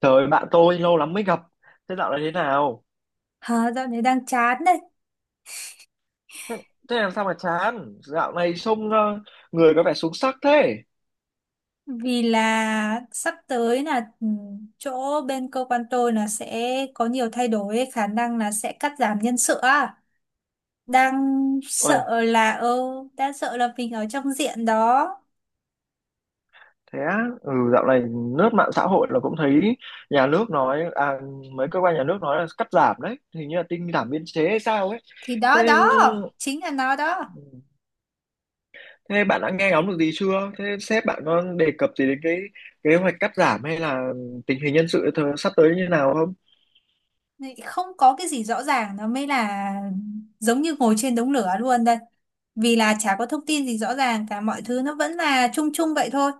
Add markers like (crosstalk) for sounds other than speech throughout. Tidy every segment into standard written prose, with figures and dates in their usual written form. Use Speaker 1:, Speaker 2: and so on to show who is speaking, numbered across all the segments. Speaker 1: Trời bạn tôi lâu lắm mới gặp. Thế dạo này thế nào?
Speaker 2: Hả, dạo này đang chán đấy
Speaker 1: Thế, thế làm sao mà chán? Dạo này trông người có vẻ xuống sắc thế.
Speaker 2: vì là sắp tới là chỗ bên cơ quan tôi là sẽ có nhiều thay đổi ấy, khả năng là sẽ cắt giảm nhân sự á. đang
Speaker 1: Ôi,
Speaker 2: sợ là ừ, Đang sợ là mình ở trong diện đó.
Speaker 1: thế á? Ừ, dạo này lướt mạng xã hội là cũng thấy nhà nước nói, à, mấy cơ quan nhà nước nói là cắt giảm đấy. Hình như là tinh giảm biên chế hay sao ấy.
Speaker 2: Thì đó
Speaker 1: Thế,
Speaker 2: đó chính là nó đó.
Speaker 1: thế bạn đã nghe ngóng được gì chưa? Thế sếp bạn có đề cập gì đến cái kế hoạch cắt giảm hay là tình hình nhân sự sắp tới như nào không?
Speaker 2: Này, không có cái gì rõ ràng nó mới là giống như ngồi trên đống lửa luôn đây, vì là chả có thông tin gì rõ ràng cả, mọi thứ nó vẫn là chung chung vậy thôi.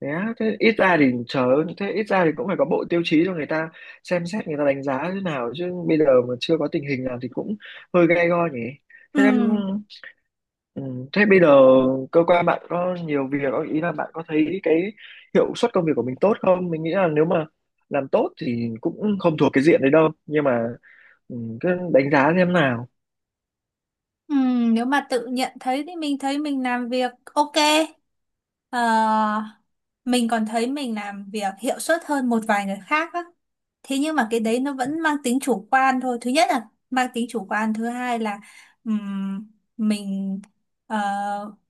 Speaker 1: Thế á, thế ít ra thì cũng phải có bộ tiêu chí cho người ta xem xét, người ta đánh giá thế nào chứ bây giờ mà chưa có tình hình nào thì cũng hơi gay go nhỉ.
Speaker 2: Ừ.
Speaker 1: Thế em, ừ, thế bây giờ cơ quan bạn có nhiều việc không? Ý là bạn có thấy cái hiệu suất công việc của mình tốt không, mình nghĩ là nếu mà làm tốt thì cũng không thuộc cái diện đấy đâu, nhưng mà cứ đánh giá xem nào.
Speaker 2: Ừ, nếu mà tự nhận thấy thì mình thấy mình làm việc ok. Ờ, mình còn thấy mình làm việc hiệu suất hơn một vài người khác á. Thế nhưng mà cái đấy nó vẫn mang tính chủ quan thôi. Thứ nhất là mang tính chủ quan, thứ hai là ừm, mình ờ,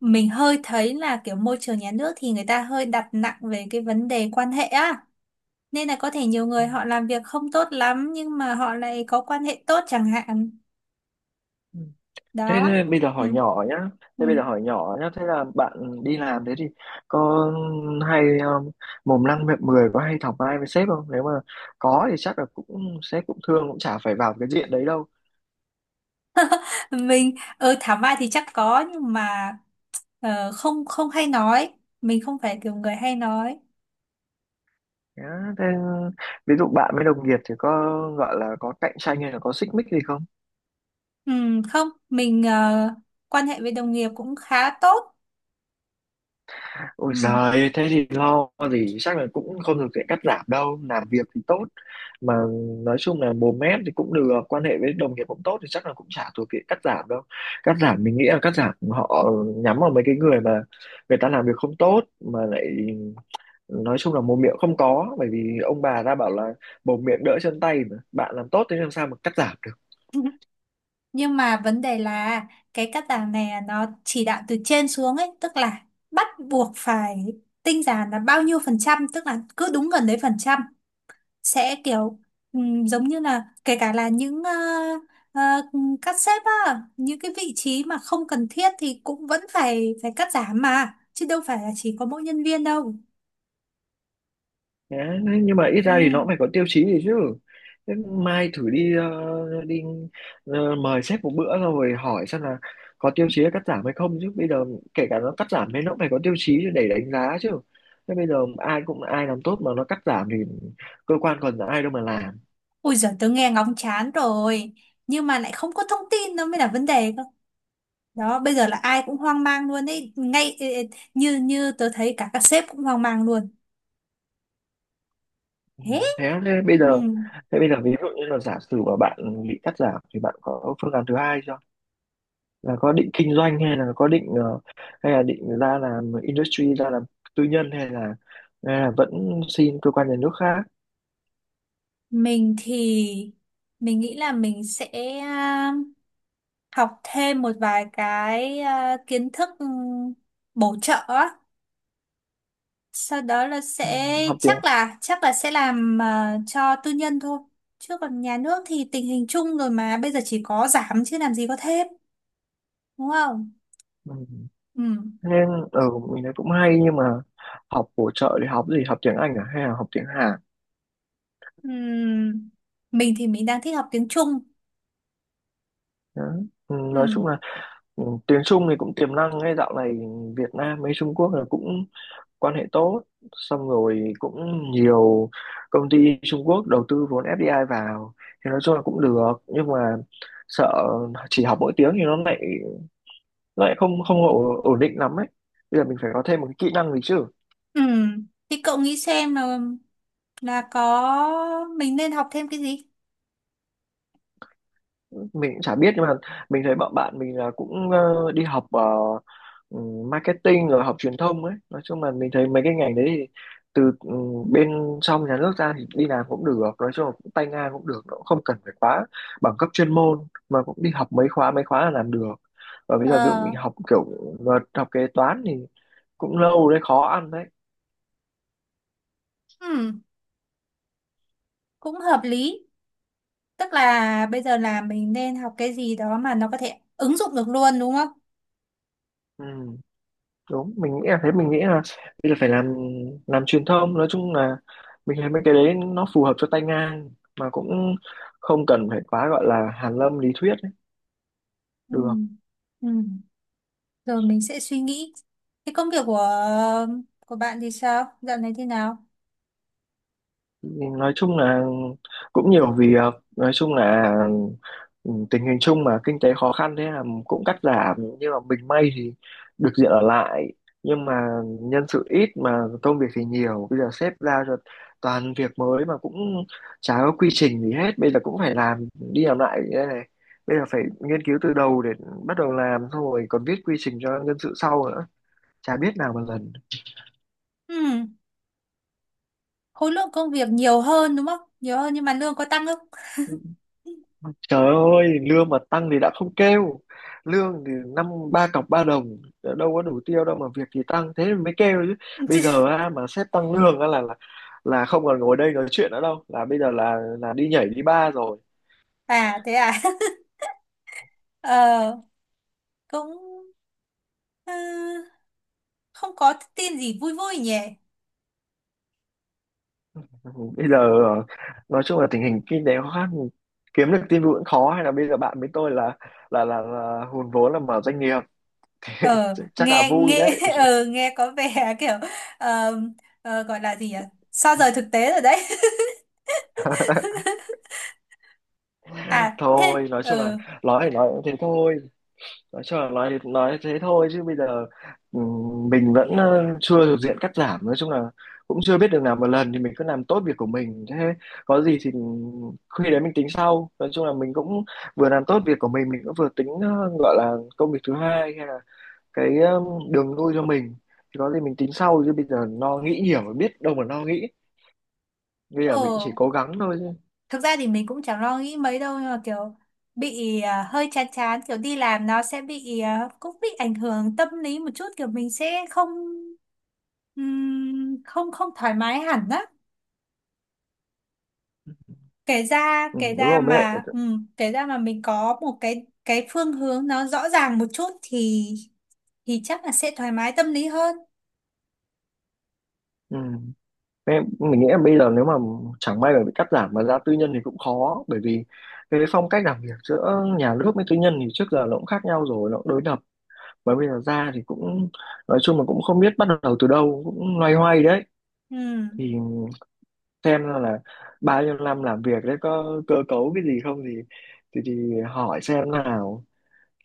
Speaker 2: mình hơi thấy là kiểu môi trường nhà nước thì người ta hơi đặt nặng về cái vấn đề quan hệ á. Nên là có thể nhiều người họ làm việc không tốt lắm nhưng mà họ lại có quan hệ tốt chẳng hạn.
Speaker 1: Ừ. Thế,
Speaker 2: Đó.
Speaker 1: thế bây giờ
Speaker 2: Ừ.
Speaker 1: hỏi nhỏ nhá.
Speaker 2: Ừ.
Speaker 1: Thế bây giờ hỏi nhỏ nhá. Thế là bạn đi làm thế thì có hay mồm năm miệng mười, có hay thọc ai với sếp không? Nếu mà có thì chắc là cũng sếp cũng thương, cũng chả phải vào cái diện đấy đâu.
Speaker 2: Mình thảo mai thì chắc có, nhưng mà không, không hay nói, mình không phải kiểu người hay nói.
Speaker 1: Nhá. Thế, ví dụ bạn với đồng nghiệp thì có gọi là có cạnh tranh hay là có xích mích gì không?
Speaker 2: Ừ, không, mình quan hệ với đồng nghiệp cũng khá tốt.
Speaker 1: Ôi
Speaker 2: Ừ.
Speaker 1: giời, thế thì lo gì, chắc là cũng không được sẽ cắt giảm đâu, làm việc thì tốt, mà nói chung là mồm mép thì cũng được, quan hệ với đồng nghiệp cũng tốt thì chắc là cũng chả thuộc diện cắt giảm đâu. Cắt giảm mình nghĩ là cắt giảm họ nhắm vào mấy cái người mà người ta làm việc không tốt, mà lại nói chung là mồm miệng không có, bởi vì ông bà ta bảo là mồm miệng đỡ chân tay mà, bạn làm tốt thế làm sao mà cắt giảm.
Speaker 2: (laughs) Nhưng mà vấn đề là cái cắt giảm này nó chỉ đạo từ trên xuống ấy, tức là bắt buộc phải tinh giản là bao nhiêu phần trăm, tức là cứ đúng gần đấy phần trăm sẽ kiểu giống như là kể cả là những ờ, cắt xếp á, những cái vị trí mà không cần thiết thì cũng vẫn phải phải cắt giảm mà, chứ đâu phải là chỉ có mỗi nhân viên đâu.
Speaker 1: Đấy, nhưng mà ít
Speaker 2: Ừ.
Speaker 1: ra thì nó cũng phải có tiêu chí gì chứ. Thế mai thử đi mời sếp một bữa xong rồi hỏi xem là có tiêu chí cắt giảm hay không chứ. Bây giờ kể cả nó cắt giảm thì nó cũng phải có tiêu chí để đánh giá chứ. Thế bây giờ ai làm tốt mà nó cắt giảm thì cơ quan còn ai đâu mà làm.
Speaker 2: Ui giời, tớ nghe ngóng chán rồi nhưng mà lại không có thông tin, nó mới là vấn đề cơ. Đó, bây giờ là ai cũng hoang mang luôn ấy, ngay ê, ê, như như tớ thấy cả các sếp cũng hoang mang luôn.
Speaker 1: Ừ.
Speaker 2: Thế.
Speaker 1: Thế, thế bây
Speaker 2: Ừ.
Speaker 1: giờ thế bây giờ ví dụ như là giả sử mà bạn bị cắt giảm thì bạn có phương án thứ hai chưa? Là có định kinh doanh hay là có định hay là định ra làm tư nhân hay là vẫn xin cơ quan nhà nước khác.
Speaker 2: Mình thì mình nghĩ là mình sẽ học thêm một vài cái kiến thức bổ trợ á. Sau đó là
Speaker 1: Ừ,
Speaker 2: sẽ
Speaker 1: học tiếng.
Speaker 2: chắc là sẽ làm cho tư nhân thôi, chứ còn nhà nước thì tình hình chung rồi mà, bây giờ chỉ có giảm chứ làm gì có thêm, đúng không?
Speaker 1: Ừ.
Speaker 2: Ừ.
Speaker 1: Thế nên ở mình thấy cũng hay nhưng mà học bổ trợ thì học gì, học tiếng Anh à hay là học tiếng Hàn.
Speaker 2: Ừ. Mình thì mình đang thích học tiếng Trung.
Speaker 1: Đó. Ừ, nói
Speaker 2: Ừ.
Speaker 1: chung là tiếng Trung thì cũng tiềm năng, ngay dạo này Việt Nam với Trung Quốc là cũng quan hệ tốt, xong rồi cũng nhiều công ty Trung Quốc đầu tư vốn FDI vào thì nói chung là cũng được, nhưng mà sợ chỉ học mỗi tiếng thì nó lại không không ổ- ổn định lắm ấy, bây giờ mình phải có thêm một cái kỹ năng gì chứ.
Speaker 2: Ừ. Thì cậu nghĩ xem là có mình nên học thêm cái gì.
Speaker 1: Mình cũng chả biết nhưng mà mình thấy bọn bạn mình là cũng đi học ừ, marketing rồi học truyền thông ấy, nói chung là mình thấy mấy cái ngành đấy thì từ bên trong nhà nước ra thì đi làm cũng được, nói chung là cũng tay ngang cũng được, nó cũng không cần phải quá bằng cấp chuyên môn, mà cũng đi học mấy khóa, mấy khóa là làm được. Và bây giờ ví dụ
Speaker 2: Ờ.
Speaker 1: mình học kiểu luật, học kế toán thì cũng lâu đấy, khó ăn đấy.
Speaker 2: Ừ. Cũng hợp lý. Tức là bây giờ là mình nên học cái gì đó mà nó có thể ứng dụng được luôn đúng không?
Speaker 1: Ừ, đúng, mình nghĩ là bây giờ phải làm truyền thông, nói chung là mình thấy mấy cái đấy nó phù hợp cho tay ngang mà cũng không cần phải quá gọi là hàn lâm lý thuyết ấy.
Speaker 2: Ừ.
Speaker 1: Được.
Speaker 2: Ừ. Rồi mình sẽ suy nghĩ. Cái công việc của bạn thì sao? Dạo này thế nào?
Speaker 1: Nói chung là cũng nhiều việc, nói chung là tình hình chung mà kinh tế khó khăn thế là cũng cắt giảm, nhưng mà mình may thì được diện ở lại, nhưng mà nhân sự ít mà công việc thì nhiều, bây giờ sếp giao cho toàn việc mới mà cũng chả có quy trình gì hết, bây giờ cũng phải làm đi làm lại như thế này, bây giờ phải nghiên cứu từ đầu để bắt đầu làm xong rồi còn viết quy trình cho nhân sự sau nữa, chả biết nào mà lần.
Speaker 2: Ừ. Khối lượng công việc nhiều hơn đúng không? Nhiều hơn nhưng mà lương có tăng không?
Speaker 1: Trời ơi, lương mà tăng thì đã không kêu. Lương thì năm ba cọc ba đồng, đâu có đủ tiêu đâu mà việc thì tăng thế mới kêu chứ. Bây giờ
Speaker 2: (laughs)
Speaker 1: á, mà sếp tăng lương á là không còn ngồi đây nói chuyện nữa đâu, là bây giờ là đi nhảy đi bar rồi.
Speaker 2: À thế à? (laughs) Ờ, cũng ờ, không có tin gì vui vui nhỉ?
Speaker 1: (laughs) Bây giờ ờ, nói chung là tình hình kinh tế khó khăn, kiếm được tin vui cũng khó, hay là bây giờ bạn với tôi là là hùn vốn là mở doanh nghiệp. (laughs)
Speaker 2: Ờ,
Speaker 1: Chắc là
Speaker 2: nghe
Speaker 1: vui
Speaker 2: nghe
Speaker 1: đấy.
Speaker 2: (laughs) nghe có vẻ kiểu ờ, gọi là gì nhỉ? Sao rời thực tế rồi đấy. (laughs)
Speaker 1: (laughs)
Speaker 2: À thế.
Speaker 1: Thôi, nói chung là
Speaker 2: Ờ
Speaker 1: nói thì nói cũng thế thôi, nói cho nói thế thôi chứ bây giờ mình vẫn chưa thuộc diện cắt giảm, nói chung là cũng chưa biết được, làm một lần thì mình cứ làm tốt việc của mình, thế có gì thì khi đấy mình tính sau, nói chung là mình cũng vừa làm tốt việc của mình cũng vừa tính gọi là công việc thứ hai, hay là cái đường lui cho mình, thì có gì mình tính sau chứ bây giờ lo nghĩ nhiều mà biết đâu mà lo nghĩ, bây giờ mình
Speaker 2: ờ
Speaker 1: chỉ cố gắng thôi chứ.
Speaker 2: Thực ra thì mình cũng chẳng lo nghĩ mấy đâu, nhưng mà kiểu bị hơi chán chán kiểu đi làm, nó sẽ bị cũng bị ảnh hưởng tâm lý một chút, kiểu mình sẽ không không không thoải mái hẳn á. kể ra
Speaker 1: Ừ,
Speaker 2: kể
Speaker 1: đúng
Speaker 2: ra
Speaker 1: rồi, mới lại.
Speaker 2: mà ừm, kể ra mà mình có một cái phương hướng nó rõ ràng một chút thì chắc là sẽ thoải mái tâm lý hơn.
Speaker 1: Ừ. Em, mình nghĩ là bây giờ nếu mà chẳng may mà bị cắt giảm mà ra tư nhân thì cũng khó, bởi vì cái phong cách làm việc giữa nhà nước với tư nhân thì trước giờ nó cũng khác nhau rồi, nó cũng đối lập, mà bây giờ ra thì cũng nói chung là cũng không biết bắt đầu từ đâu, cũng loay hoay đấy.
Speaker 2: Ừm.
Speaker 1: Thì xem ra là bao nhiêu năm làm việc đấy có cơ cấu cái gì không thì thì hỏi xem nào,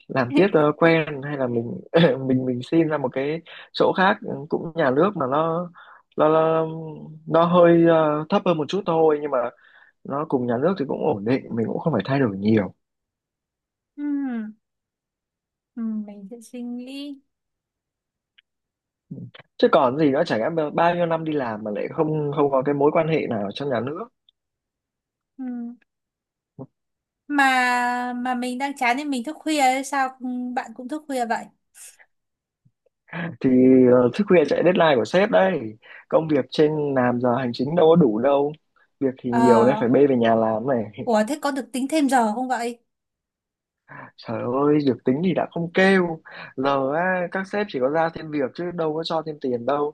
Speaker 1: làm tiếp cho nó
Speaker 2: (laughs)
Speaker 1: quen hay là mình (laughs) mình xin ra một cái chỗ khác, cũng nhà nước mà nó nó, nó hơi thấp hơn một chút thôi, nhưng mà nó cùng nhà nước thì cũng ổn định, mình cũng không phải thay đổi nhiều.
Speaker 2: Ừm, mình sẽ suy nghĩ.
Speaker 1: Ừ. Chứ còn gì nữa, chả lẽ mà bao nhiêu năm đi làm mà lại không không có cái mối quan hệ nào trong nhà nước.
Speaker 2: Mà mình đang chán nên mình thức khuya ấy, sao bạn cũng thức khuya vậy?
Speaker 1: Thì thức khuya chạy deadline của sếp đấy, công việc trên làm giờ hành chính đâu có đủ đâu, việc thì nhiều nên
Speaker 2: Ờ.
Speaker 1: phải bê về nhà làm này.
Speaker 2: Ủa thế có được tính thêm giờ không vậy?
Speaker 1: Trời ơi, được tính thì đã không kêu. Giờ á, các sếp chỉ có giao thêm việc chứ đâu có cho thêm tiền đâu.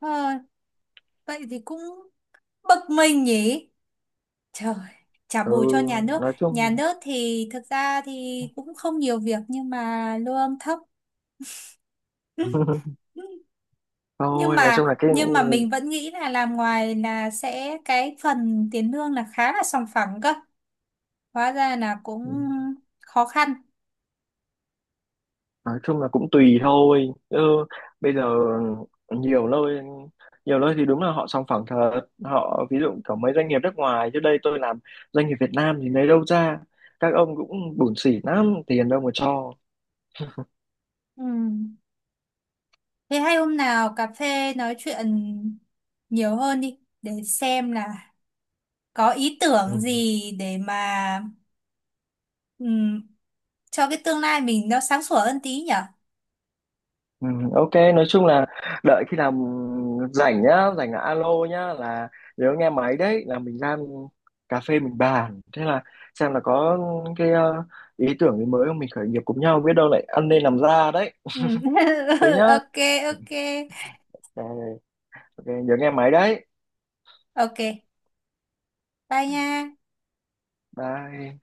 Speaker 2: ờ, Vậy thì cũng bực mình nhỉ. Trời. Trả
Speaker 1: Ừ,
Speaker 2: bù cho nhà nước.
Speaker 1: nói
Speaker 2: Nhà
Speaker 1: chung.
Speaker 2: nước thì thực ra thì cũng không nhiều việc nhưng mà lương thấp. (laughs)
Speaker 1: (laughs)
Speaker 2: Nhưng
Speaker 1: Thôi, nói chung
Speaker 2: mà
Speaker 1: là cái
Speaker 2: mình vẫn nghĩ là làm ngoài là sẽ cái phần tiền lương là khá là sòng phẳng cơ, hóa ra là cũng khó khăn.
Speaker 1: nói chung là cũng tùy thôi. Ừ, bây giờ nhiều nơi nhiều nơi thì đúng là họ sòng phẳng thật. Họ ví dụ có mấy doanh nghiệp nước ngoài chứ đây tôi làm doanh nghiệp Việt Nam thì lấy đâu ra. Các ông cũng bủn xỉn lắm, tiền đâu mà cho.
Speaker 2: Ừ. Thế hay hôm nào cà phê nói chuyện nhiều hơn đi để xem là có ý
Speaker 1: Ừ.
Speaker 2: tưởng gì để mà ừm, cho cái tương lai mình nó sáng sủa hơn tí nhở?
Speaker 1: Ừ, ok nói chung là đợi khi nào rảnh nhá, rảnh là alo nhá, là nếu nghe máy đấy là mình ra cà phê mình bàn, thế là xem là có cái ý tưởng gì mới không, mình khởi nghiệp cùng nhau biết đâu lại ăn nên làm ra đấy.
Speaker 2: Ừm.
Speaker 1: Thế
Speaker 2: (laughs)
Speaker 1: nhá.
Speaker 2: Ok. Ok.
Speaker 1: Ờ, ok, nhớ nghe máy đấy.
Speaker 2: Ok. Bye nha.
Speaker 1: Bye